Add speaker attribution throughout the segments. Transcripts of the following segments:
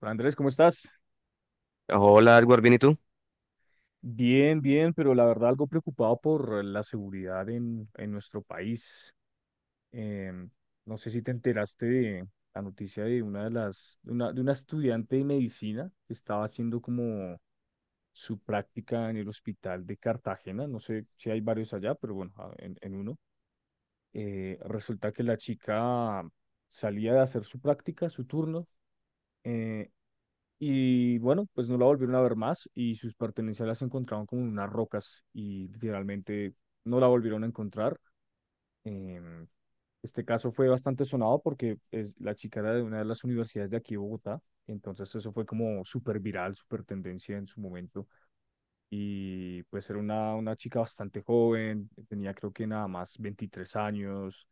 Speaker 1: Hola, Andrés, ¿cómo estás?
Speaker 2: Hola, Edward, ¿bien y tú?
Speaker 1: Bien, bien, pero la verdad algo preocupado por la seguridad en nuestro país. Em, no sé si te enteraste de la noticia de una estudiante de medicina que estaba haciendo como su práctica en el hospital de Cartagena. No sé si hay varios allá, pero bueno, en uno. Resulta que la chica salía de hacer su práctica, su turno, eh, y bueno, pues no la volvieron a ver más y sus pertenencias las encontraron como en unas rocas y literalmente no la volvieron a encontrar. Em, este caso fue bastante sonado porque es, la chica era de una de las universidades de aquí de Bogotá, entonces eso fue como súper viral, súper tendencia en su momento. Y pues era una chica bastante joven, tenía creo que nada más 23 años,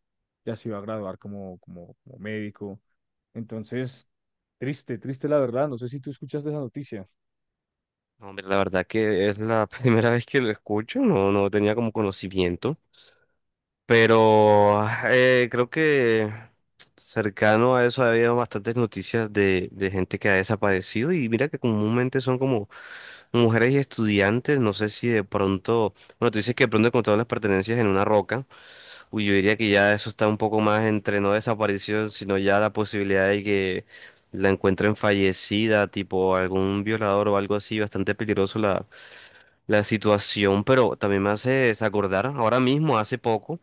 Speaker 1: ya se iba a graduar como médico. Entonces, triste, triste la verdad, no sé si tú escuchaste esa noticia.
Speaker 2: No, hombre, la verdad que es la primera vez que lo escucho. No, no tenía como conocimiento, pero creo que cercano a eso ha habido bastantes noticias de gente que ha desaparecido, y mira que comúnmente son como mujeres y estudiantes. No sé si de pronto, bueno, tú dices que de pronto encontraron las pertenencias en una roca. Uy, yo diría que ya eso está un poco más entre no desaparición, sino ya la posibilidad de que la encuentren fallecida, tipo algún violador o algo así. Bastante peligroso la situación, pero también me hace desacordar, ahora mismo, hace poco,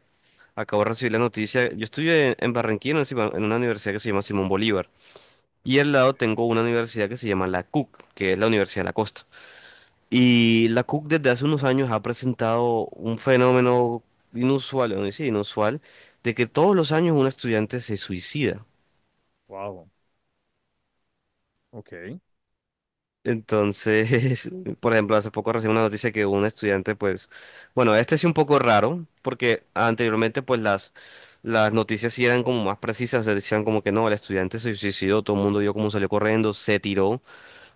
Speaker 2: acabo de recibir la noticia. Yo estudié en Barranquilla, en una en una universidad que se llama Simón Bolívar, y al lado tengo una universidad que se llama la CUC, que es la Universidad de la Costa. Y la Cook desde hace unos años ha presentado un fenómeno inusual, o no sí, inusual, de que todos los años un estudiante se suicida.
Speaker 1: Wow, ok.
Speaker 2: Entonces, por ejemplo, hace poco recibí una noticia que un estudiante, pues, bueno, este sí un poco raro, porque anteriormente, pues, las noticias sí eran como más precisas, decían como que no, el estudiante se suicidó, todo el mundo vio cómo salió corriendo, se tiró.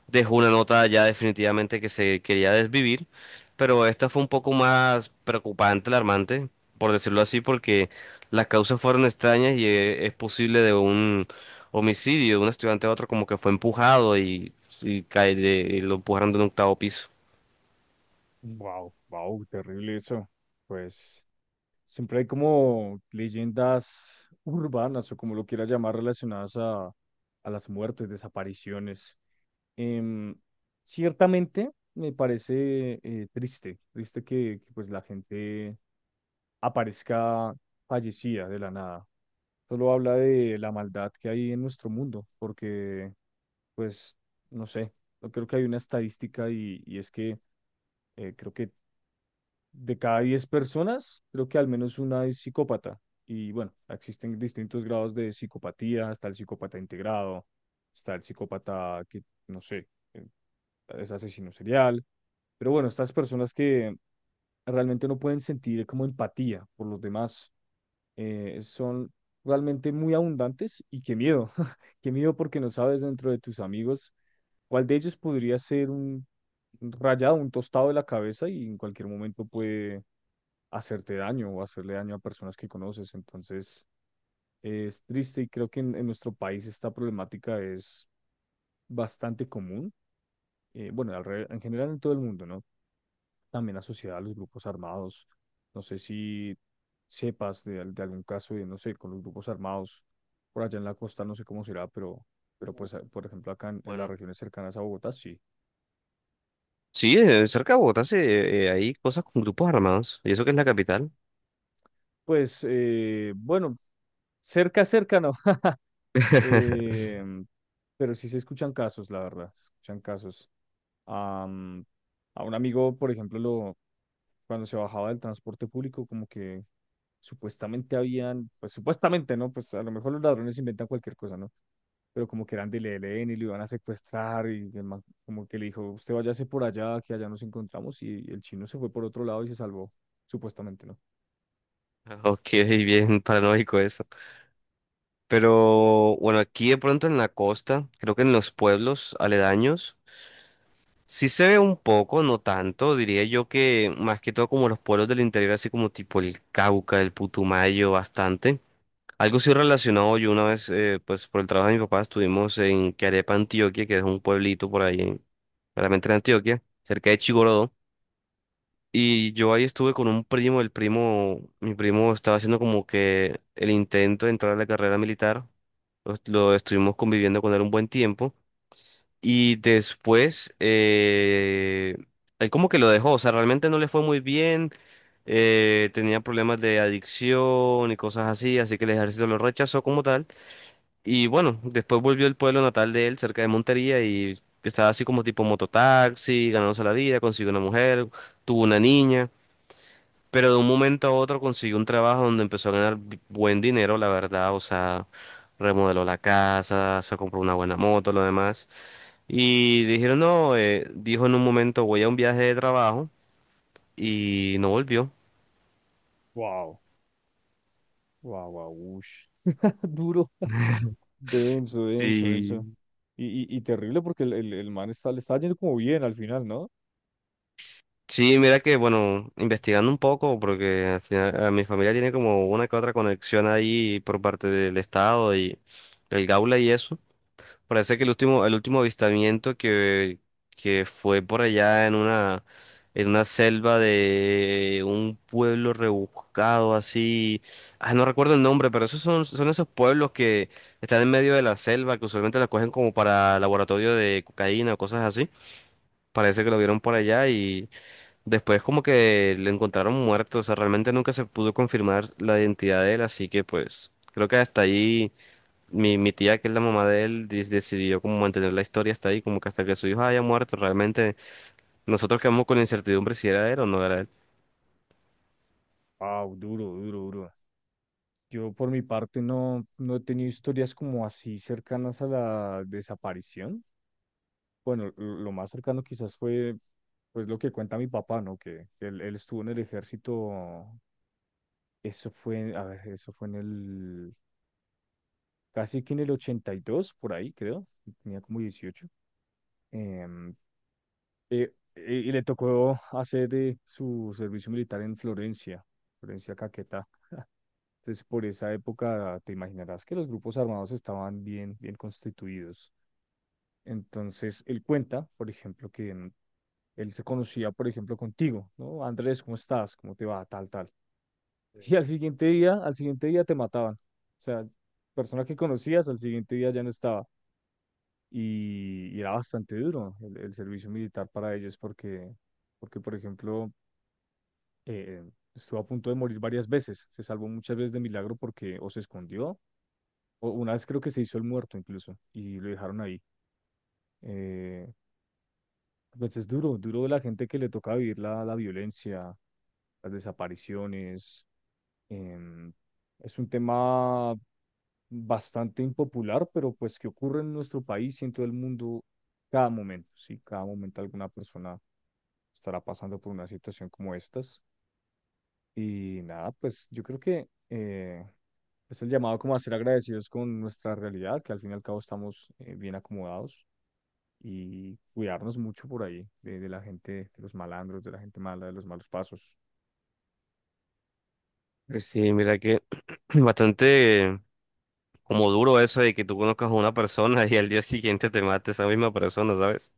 Speaker 2: Dejó una nota ya definitivamente que se quería desvivir, pero esta fue un poco más preocupante, alarmante, por decirlo así, porque las causas fueron extrañas. Y es posible de un homicidio de un estudiante a otro, como que fue empujado y y lo empujaron de un octavo piso.
Speaker 1: Wow, wow, terrible eso. Pues. Siempre hay como leyendas urbanas o como lo quiera llamar relacionadas a las muertes, desapariciones. Em, Ciertamente me parece triste, triste que, pues la gente aparezca fallecida de la nada. Solo habla de la maldad que hay en nuestro mundo, porque pues no sé, yo creo que hay una estadística y es que creo que de cada 10 personas, creo que al menos una es psicópata. Y bueno, existen distintos grados de psicopatía, está el psicópata integrado, está el psicópata que, no sé, eh, es asesino serial. Pero bueno, estas personas que realmente no pueden sentir como empatía por los demás, son realmente muy abundantes y qué miedo, qué miedo porque no sabes dentro de tus amigos cuál de ellos podría ser un rayado, un tostado de la cabeza y en cualquier momento puede hacerte daño o hacerle daño a personas que conoces. Entonces, es triste y creo que en nuestro país esta problemática es bastante común. Bueno, en general en todo el mundo, ¿no? También asociada a los grupos armados. No sé si sepas de algún caso de, no sé, con los grupos armados por allá en la costa, no sé cómo será, pero,
Speaker 2: Uh,
Speaker 1: pues, por ejemplo, acá en las
Speaker 2: Bueno.
Speaker 1: regiones cercanas a Bogotá, sí.
Speaker 2: Sí, cerca de Bogotá sí, hay cosas con grupos armados, y eso que es la capital.
Speaker 1: Pues, bueno, cerca, cerca, no. Eh, pero sí se escuchan casos, la verdad, se escuchan casos. Am, a un amigo, por ejemplo, cuando se bajaba del transporte público, como que supuestamente habían, pues supuestamente, ¿no? Pues a lo mejor los ladrones inventan cualquier cosa, ¿no? Pero como que eran del ELN y lo iban a secuestrar y el man como que le dijo, usted váyase por allá, que allá nos encontramos y el chino se fue por otro lado y se salvó, supuestamente, ¿no?
Speaker 2: Ok, bien paranoico eso. Pero bueno, aquí de pronto en la costa, creo que en los pueblos aledaños, sí se ve un poco, no tanto, diría yo que más que todo como los pueblos del interior, así como tipo el Cauca, el Putumayo, bastante. Algo sí relacionado. Yo una vez, pues por el trabajo de mi papá, estuvimos en Carepa, Antioquia, que es un pueblito por ahí, claramente en Antioquia, cerca de Chigorodó. Y yo ahí estuve con un primo, el primo, mi primo estaba haciendo como que el intento de entrar a la carrera militar. Lo estuvimos conviviendo con él un buen tiempo. Y después, él como que lo dejó. O sea, realmente no le fue muy bien. Tenía problemas de adicción y cosas así, así que el ejército lo rechazó como tal. Y bueno, después volvió al pueblo natal de él, cerca de Montería. Y estaba así como tipo mototaxi, ganándose la vida, consiguió una mujer, tuvo una niña. Pero de un momento a otro consiguió un trabajo donde empezó a ganar buen dinero, la verdad. O sea, remodeló la casa, se compró una buena moto, lo demás. Y dijeron, no, dijo en un momento, voy a un viaje de trabajo y no volvió.
Speaker 1: Wow. Wow, wow, ush. Duro. Denso, denso, denso.
Speaker 2: Sí.
Speaker 1: Y terrible porque el man está, le está yendo como bien al final, ¿no?
Speaker 2: Sí, mira que, bueno, investigando un poco, porque al final, a mi familia tiene como una que otra conexión ahí por parte del Estado y el Gaula y eso. Parece que el último avistamiento que fue por allá en una selva de un pueblo rebuscado así. Ah, no recuerdo el nombre, pero esos son esos pueblos que están en medio de la selva, que usualmente la cogen como para laboratorio de cocaína o cosas así. Parece que lo vieron por allá y después como que lo encontraron muerto. O sea, realmente nunca se pudo confirmar la identidad de él, así que pues creo que hasta ahí. Mi tía, que es la mamá de él, decidió como mantener la historia hasta ahí, como que hasta que su hijo haya muerto. Realmente nosotros quedamos con la incertidumbre si era él o no era él.
Speaker 1: Wow, duro, duro, duro. Yo por mi parte no he tenido historias como así cercanas a la desaparición. Bueno, lo más cercano quizás fue pues lo que cuenta mi papá, ¿no? Que él estuvo en el ejército, eso fue, a ver, eso fue casi que en el 82 por ahí, creo, tenía como 18. Em, y le tocó hacer su servicio militar en Florencia, Florencia Caquetá. Entonces, por esa época, te imaginarás que los grupos armados estaban bien, bien constituidos. Entonces, él cuenta, por ejemplo, él se conocía, por ejemplo, contigo, ¿no? Andrés, ¿cómo estás? ¿Cómo te va? Tal, tal. Y al siguiente día te mataban. O sea, persona que conocías, al siguiente día ya no estaba y era bastante duro el servicio militar para ellos porque, por ejemplo, eh, estuvo a punto de morir varias veces, se salvó muchas veces de milagro porque o se escondió, o una vez creo que se hizo el muerto incluso, y lo dejaron ahí. Eh, pues es duro, duro de la gente que le toca vivir la violencia, las desapariciones. em, es un tema bastante impopular, pero pues que ocurre en nuestro país y en todo el mundo cada momento, sí, cada momento alguna persona estará pasando por una situación como estas. Y nada, pues yo creo que es el llamado como a ser agradecidos con nuestra realidad, que al fin y al cabo estamos bien acomodados y cuidarnos mucho por ahí de la gente, de los malandros, de la gente mala, de los malos pasos.
Speaker 2: Pues sí, mira que bastante como duro eso de que tú conozcas a una persona y al día siguiente te mate esa misma persona, ¿sabes?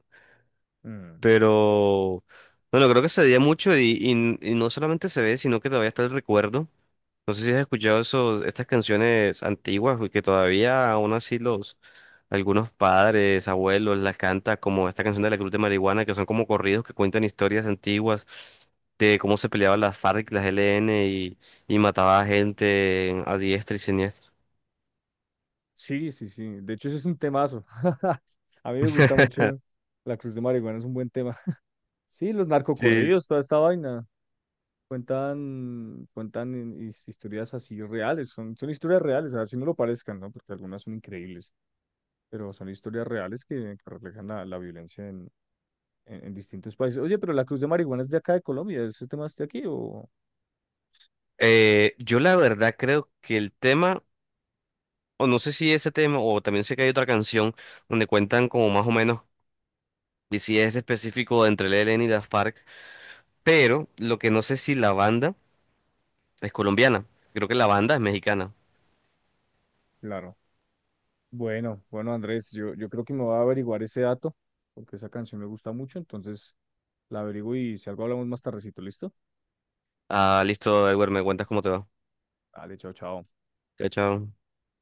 Speaker 1: Mm.
Speaker 2: Pero bueno, creo que se veía mucho, y no solamente se ve, sino que todavía está el recuerdo. No sé si has escuchado esos, estas canciones antiguas, güey, que todavía aún así los algunos padres, abuelos las cantan, como esta canción de la Cruz de Marihuana, que son como corridos que cuentan historias antiguas de cómo se peleaban las FARC, las LN y mataba a gente a diestra y siniestra.
Speaker 1: Sí, sí, sí. De hecho, ese es un temazo. A mí me gusta mucho la Cruz de Marihuana, es un buen tema. Sí, los
Speaker 2: Sí.
Speaker 1: narcocorridos, toda esta vaina. Cuentan historias así reales, son historias reales, así no lo parezcan, ¿no? Porque algunas son increíbles, pero son historias reales que reflejan la violencia en, en distintos países. Oye, pero la Cruz de Marihuana es de acá de Colombia, ¿ese tema es de aquí o...?
Speaker 2: Yo la verdad creo que el tema, o no sé si ese tema, o también sé que hay otra canción donde cuentan como más o menos, y si es específico entre el ELN y las FARC. Pero lo que no sé si la banda es colombiana. Creo que la banda es mexicana.
Speaker 1: Claro. Bueno, bueno, Andrés, yo creo que me voy a averiguar ese dato, porque esa canción me gusta mucho, entonces la averiguo y si algo hablamos más tardecito, ¿listo?
Speaker 2: Ah, listo, Edward, me cuentas cómo te va.
Speaker 1: Dale, chao, chao.
Speaker 2: Chao, chao.